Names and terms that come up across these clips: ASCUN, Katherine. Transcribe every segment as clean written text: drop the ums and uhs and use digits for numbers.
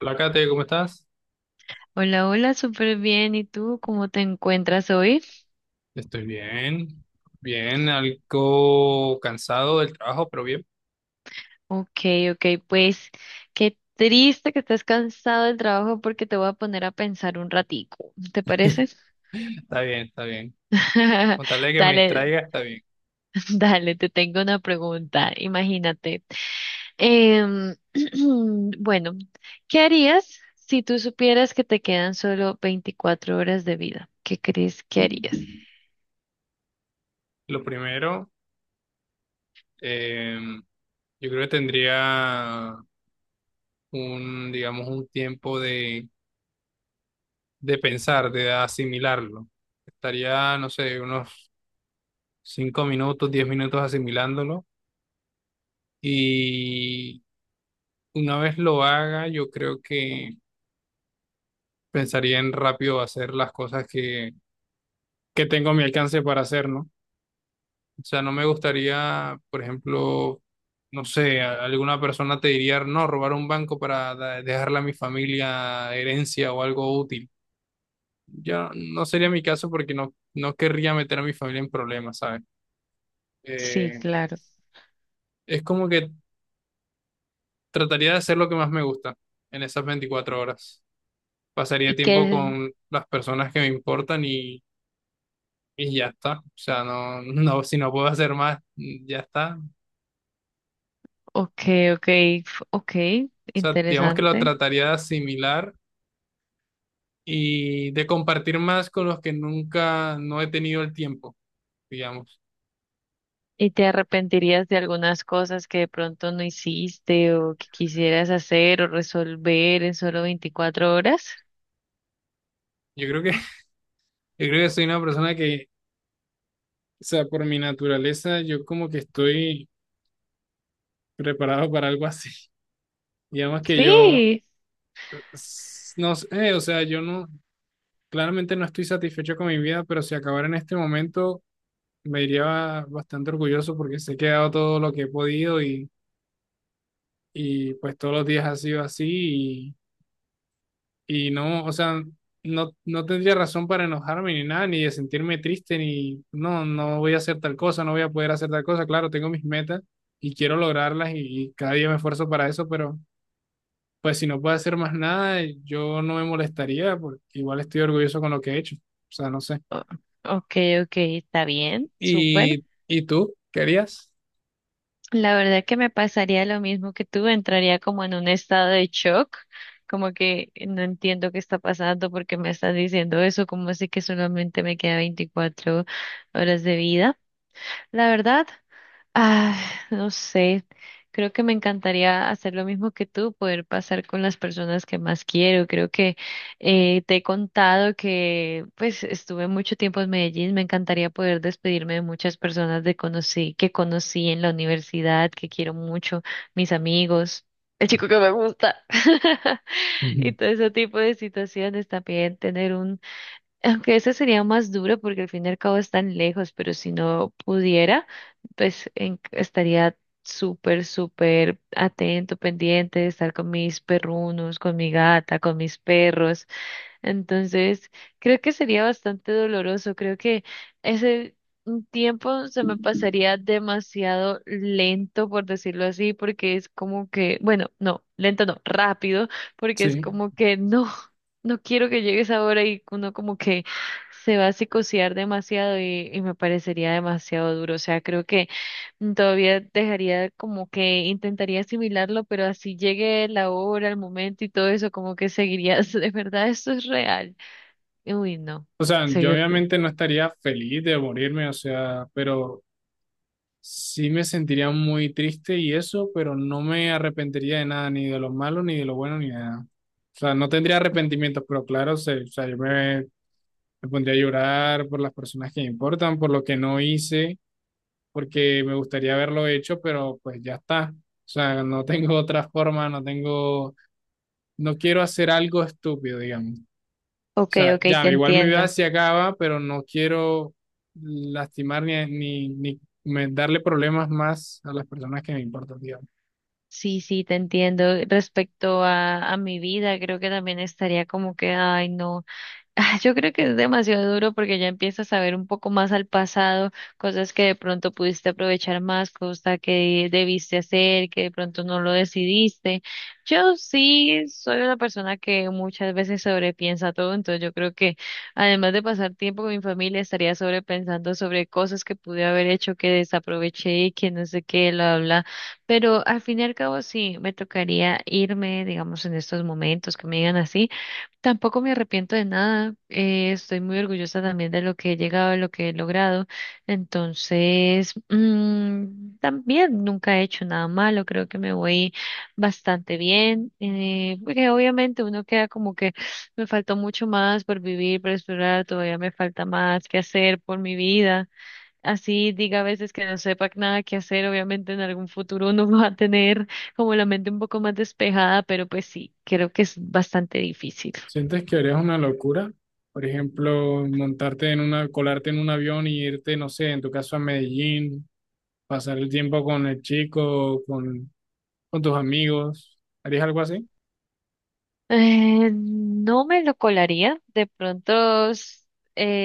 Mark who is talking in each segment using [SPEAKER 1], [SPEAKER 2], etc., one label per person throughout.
[SPEAKER 1] Hola Kate, ¿cómo estás?
[SPEAKER 2] Hola, hola, súper bien. ¿Y tú cómo te encuentras hoy?
[SPEAKER 1] Estoy bien, bien, algo cansado del trabajo, pero bien,
[SPEAKER 2] Ok, ok, pues qué triste que estés cansado del trabajo porque te voy a poner a pensar un ratico. ¿Te parece?
[SPEAKER 1] está bien, está bien. Con tal de que me
[SPEAKER 2] Dale,
[SPEAKER 1] distraiga, está bien.
[SPEAKER 2] dale, te tengo una pregunta. Imagínate. Em, bueno, ¿qué harías si tú supieras que te quedan solo 24 horas de vida? ¿Qué crees que harías?
[SPEAKER 1] Lo primero, eh, yo creo que tendría un, digamos, un tiempo de pensar, de asimilarlo. Estaría, no sé, unos 5 minutos, 10 minutos asimilándolo y una vez lo haga, yo creo que pensaría en rápido hacer las cosas que tengo a mi alcance para hacer, ¿no? O sea, no me gustaría, por ejemplo, no sé, alguna persona te diría, no, robar un banco para dejarle a mi familia herencia o algo útil. Yo no sería mi caso porque no, no querría meter a mi familia en problemas, ¿sabes?
[SPEAKER 2] Sí,
[SPEAKER 1] Eh,
[SPEAKER 2] claro.
[SPEAKER 1] es como que trataría de hacer lo que más me gusta en esas 24 horas. Pasaría
[SPEAKER 2] Y
[SPEAKER 1] tiempo
[SPEAKER 2] que,
[SPEAKER 1] con las personas que me importan y ya está. O sea, no, no, si no puedo hacer más, ya está.
[SPEAKER 2] ok, ok, ok,
[SPEAKER 1] O sea, digamos que lo
[SPEAKER 2] interesante.
[SPEAKER 1] trataría de asimilar y de compartir más con los que nunca no he tenido el tiempo, digamos.
[SPEAKER 2] ¿Y te arrepentirías de algunas cosas que de pronto no hiciste o que quisieras hacer o resolver en solo 24 horas?
[SPEAKER 1] Yo creo que, yo creo que soy una persona que, o sea, por mi naturaleza, yo como que estoy preparado para algo así. Digamos que yo,
[SPEAKER 2] Sí.
[SPEAKER 1] no sé, o sea, yo no, claramente no estoy satisfecho con mi vida, pero si acabara en este momento, me iría bastante orgulloso porque sé que he dado todo lo que he podido y pues todos los días ha sido así. Y no, o sea, no, no tendría razón para enojarme ni nada, ni de sentirme triste, ni no, no voy a hacer tal cosa, no voy a poder hacer tal cosa. Claro, tengo mis metas y quiero lograrlas y cada día me esfuerzo para eso, pero pues si no puedo hacer más nada, yo no me molestaría porque igual estoy orgulloso con lo que he hecho. O sea, no sé.
[SPEAKER 2] O- ok, ok, está bien, súper.
[SPEAKER 1] Y tú? ¿Querías?
[SPEAKER 2] La verdad que me pasaría lo mismo que tú, entraría como en un estado de shock, como que no entiendo qué está pasando porque me estás diciendo eso, como así que solamente me queda 24 horas de vida. La verdad. Ah, no sé, creo que me encantaría hacer lo mismo que tú, poder pasar con las personas que más quiero. Creo que te he contado que pues estuve mucho tiempo en Medellín, me encantaría poder despedirme de muchas personas que conocí en la universidad, que quiero mucho, mis amigos, el chico que me gusta. Y
[SPEAKER 1] Ujú.
[SPEAKER 2] todo ese tipo de situaciones. También tener un aunque eso sería más duro porque al fin y al cabo están lejos, pero si no pudiera, pues estaría súper, súper atento, pendiente de estar con mis perrunos, con mi gata, con mis perros. Entonces, creo que sería bastante doloroso. Creo que ese tiempo se me pasaría demasiado lento, por decirlo así, porque es como que, bueno, no, lento no, rápido, porque es
[SPEAKER 1] Sí.
[SPEAKER 2] como que no, no quiero que llegues ahora y uno como que se va a psicosear demasiado y me parecería demasiado duro. O sea, creo que todavía dejaría como que intentaría asimilarlo, pero así llegue la hora, el momento y todo eso, como que seguiría de verdad, esto es real. Uy, no.
[SPEAKER 1] O sea,
[SPEAKER 2] Sí,
[SPEAKER 1] yo
[SPEAKER 2] yo creo.
[SPEAKER 1] obviamente no estaría feliz de morirme, o sea, pero sí me sentiría muy triste y eso, pero no me arrepentiría de nada, ni de lo malo, ni de lo bueno, ni de nada. O sea, no tendría arrepentimientos, pero claro, o sea, yo me pondría a llorar por las personas que me importan, por lo que no hice, porque me gustaría haberlo hecho, pero pues ya está. O sea, no tengo otra forma, no tengo, no quiero hacer algo estúpido, digamos. O
[SPEAKER 2] Ok,
[SPEAKER 1] sea,
[SPEAKER 2] ok, te
[SPEAKER 1] ya, igual mi vida
[SPEAKER 2] entiendo.
[SPEAKER 1] se acaba, pero no quiero lastimar ni darle problemas más a las personas que me importan, digamos.
[SPEAKER 2] Sí, sí, te entiendo. Respecto a mi vida, creo que también estaría como que, ay, no. Ah, yo creo que es demasiado duro porque ya empiezas a ver un poco más al pasado, cosas que de pronto pudiste aprovechar más, cosas que debiste hacer, que de pronto no lo decidiste. Yo sí soy una persona que muchas veces sobrepiensa todo, entonces yo creo que además de pasar tiempo con mi familia, estaría sobrepensando sobre cosas que pude haber hecho, que desaproveché y que no sé qué, bla bla. Pero al fin y al cabo sí, me tocaría irme, digamos, en estos momentos que me digan así. Tampoco me arrepiento de nada, estoy muy orgullosa también de lo que he llegado, de lo que he logrado, entonces también nunca he hecho nada malo, creo que me voy bastante bien, porque obviamente uno queda como que me faltó mucho más por vivir, por explorar, todavía me falta más que hacer por mi vida, así diga a veces que no sepa nada que hacer, obviamente en algún futuro uno va a tener como la mente un poco más despejada, pero pues sí, creo que es bastante difícil.
[SPEAKER 1] ¿Sientes que harías una locura? Por ejemplo, montarte en una, colarte en un avión y irte, no sé, en tu caso a Medellín, pasar el tiempo con el chico, con tus amigos. ¿Harías algo así?
[SPEAKER 2] No me lo colaría, de pronto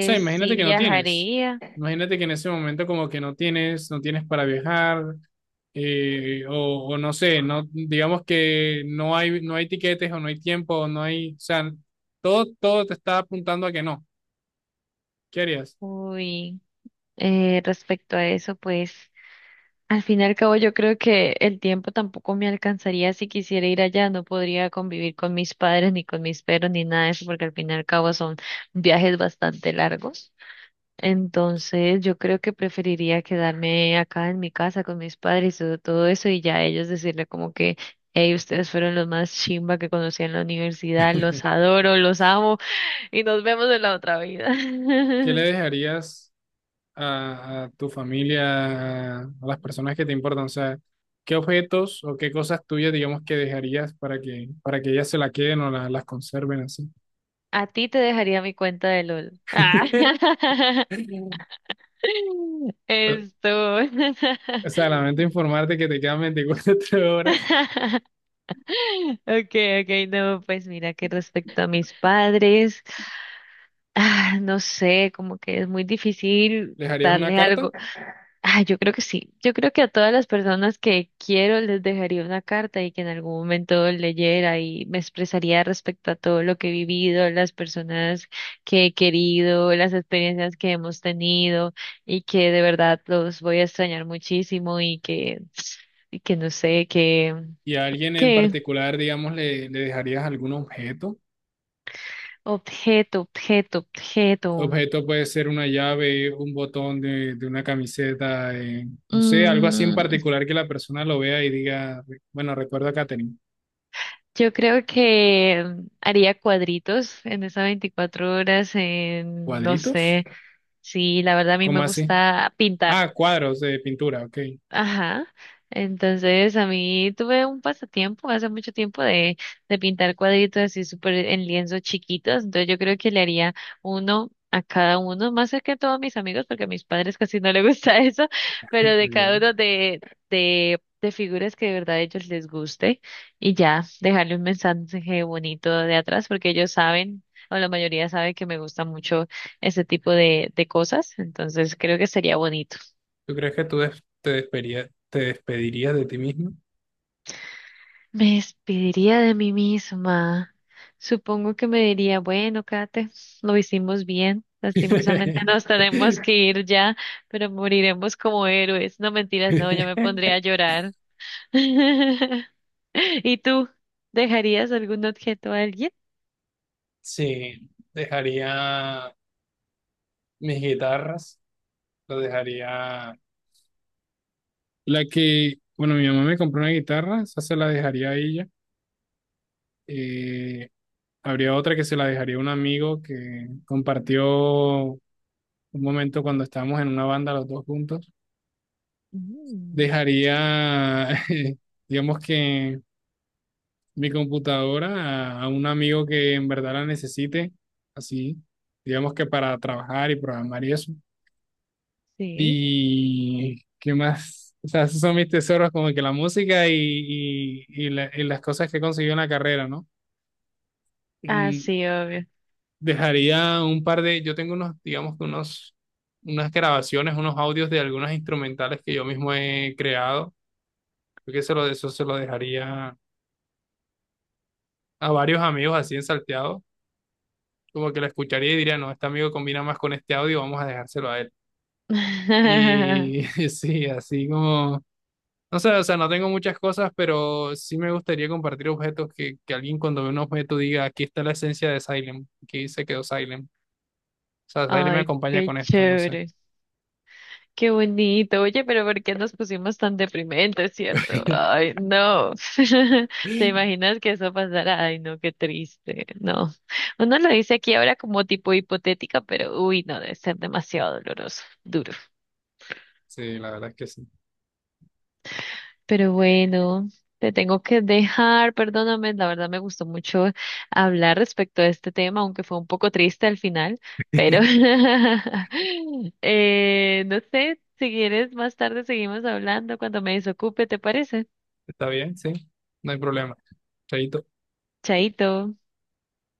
[SPEAKER 1] O sea,
[SPEAKER 2] sí
[SPEAKER 1] imagínate que no tienes.
[SPEAKER 2] viajaría.
[SPEAKER 1] Imagínate que en ese momento como que no tienes, no tienes para viajar, o, no sé, no, digamos que no hay, no hay tiquetes o no hay tiempo, o no hay, o sea, todo te está apuntando a que no. ¿Qué harías?
[SPEAKER 2] Uy, respecto a eso, pues al fin y al cabo yo creo que el tiempo tampoco me alcanzaría si quisiera ir allá, no podría convivir con mis padres ni con mis perros ni nada de eso, porque al fin y al cabo son viajes bastante largos. Entonces, yo creo que preferiría quedarme acá en mi casa con mis padres y todo eso y ya ellos decirle como que, hey, ustedes fueron los más chimba que conocí en la universidad, los adoro, los amo y nos vemos en la otra vida.
[SPEAKER 1] ¿Qué le dejarías a tu familia, a las personas que te importan? O sea, ¿qué objetos o qué cosas tuyas, digamos, que dejarías para que ellas se la queden o las conserven así?
[SPEAKER 2] A ti te dejaría mi cuenta de LOL. Ah. Esto.
[SPEAKER 1] O sea, lamento informarte que te quedan 24 horas.
[SPEAKER 2] Okay, okay, no, pues mira que respecto a mis padres. Ah, no sé, como que es muy difícil
[SPEAKER 1] ¿Les harías una
[SPEAKER 2] darle
[SPEAKER 1] carta?
[SPEAKER 2] algo. Ah, yo creo que sí. Yo creo que a todas las personas que quiero les dejaría una carta y que en algún momento leyera y me expresaría respecto a todo lo que he vivido, las personas que he querido, las experiencias que hemos tenido y que de verdad los voy a extrañar muchísimo y que no sé, que,
[SPEAKER 1] Y a alguien en
[SPEAKER 2] que
[SPEAKER 1] particular, digamos, le dejarías algún objeto.
[SPEAKER 2] objeto, objeto, objeto.
[SPEAKER 1] Objeto puede ser una llave, un botón de una camiseta, no sé, algo así en
[SPEAKER 2] Mm,
[SPEAKER 1] particular que la persona lo vea y diga, bueno, recuerdo a Katherine,
[SPEAKER 2] Yo creo que haría cuadritos en esas 24 horas, en, no
[SPEAKER 1] ¿cuadritos?
[SPEAKER 2] sé, sí, la verdad a mí me
[SPEAKER 1] ¿Cómo así?
[SPEAKER 2] gusta pintar.
[SPEAKER 1] Ah, cuadros de pintura, ok.
[SPEAKER 2] Ajá. Entonces, a mí tuve un pasatiempo hace mucho tiempo de pintar cuadritos así súper en lienzos chiquitos. Entonces, yo creo que le haría uno a cada uno, más que a todos mis amigos, porque a mis padres casi no les gusta eso, pero de cada uno
[SPEAKER 1] Ok.
[SPEAKER 2] de, de figuras que de verdad a ellos les guste. Y ya, dejarle un mensaje bonito de atrás, porque ellos saben, o la mayoría sabe que me gusta mucho ese tipo de cosas. Entonces, creo que sería bonito.
[SPEAKER 1] ¿Tú crees que tú te despedirías de ti mismo?
[SPEAKER 2] Me despediría de mí misma. Supongo que me diría, bueno, Kate, lo hicimos bien. Lastimosamente nos tenemos que ir ya, pero moriremos como héroes. No mentiras, no, yo me pondría a llorar. ¿Y tú dejarías algún objeto a alguien?
[SPEAKER 1] Sí, dejaría mis guitarras, las dejaría... La que, bueno, mi mamá me compró una guitarra, esa se la dejaría a ella. Eh, habría otra que se la dejaría a un amigo que compartió un momento cuando estábamos en una banda los dos juntos.
[SPEAKER 2] Mm,
[SPEAKER 1] Dejaría, digamos que mi computadora a un amigo que en verdad la necesite, así, digamos que para trabajar y programar y eso.
[SPEAKER 2] sí.
[SPEAKER 1] Y qué más, o sea, esos son mis tesoros, como que la música y, y las cosas que he conseguido en la carrera, ¿no?
[SPEAKER 2] Ah,
[SPEAKER 1] Y
[SPEAKER 2] sí, obvio.
[SPEAKER 1] dejaría un par de, yo tengo unos, digamos que unos, unas grabaciones, unos audios de algunas instrumentales que yo mismo he creado. Creo que se lo, eso se lo dejaría a varios amigos así en salteado, como que lo escucharía y diría, no, este amigo combina más con este audio, vamos a dejárselo a él. Y sí, así como... No sé, o sea, no tengo muchas cosas, pero sí me gustaría compartir objetos que alguien cuando ve un objeto diga, aquí está la esencia de Silent, aquí se quedó Silent. O sea, Silent me
[SPEAKER 2] Ay,
[SPEAKER 1] acompaña
[SPEAKER 2] qué
[SPEAKER 1] con esto, no sé.
[SPEAKER 2] chévere. Qué bonito. Oye, pero ¿por qué nos pusimos tan deprimentes, cierto? Ay, no. ¿Te imaginas que eso pasara? Ay, no, qué triste. No. Uno lo dice aquí ahora como tipo hipotética, pero uy, no, debe ser demasiado doloroso, duro.
[SPEAKER 1] Sí, la verdad es que sí.
[SPEAKER 2] Pero bueno, te tengo que dejar, perdóname, la verdad me gustó mucho hablar respecto a este tema, aunque fue un poco triste al final, pero no sé, si quieres más tarde seguimos hablando cuando me desocupe, ¿te parece?
[SPEAKER 1] Está bien, sí, no hay problema. Chaito.
[SPEAKER 2] Chaito.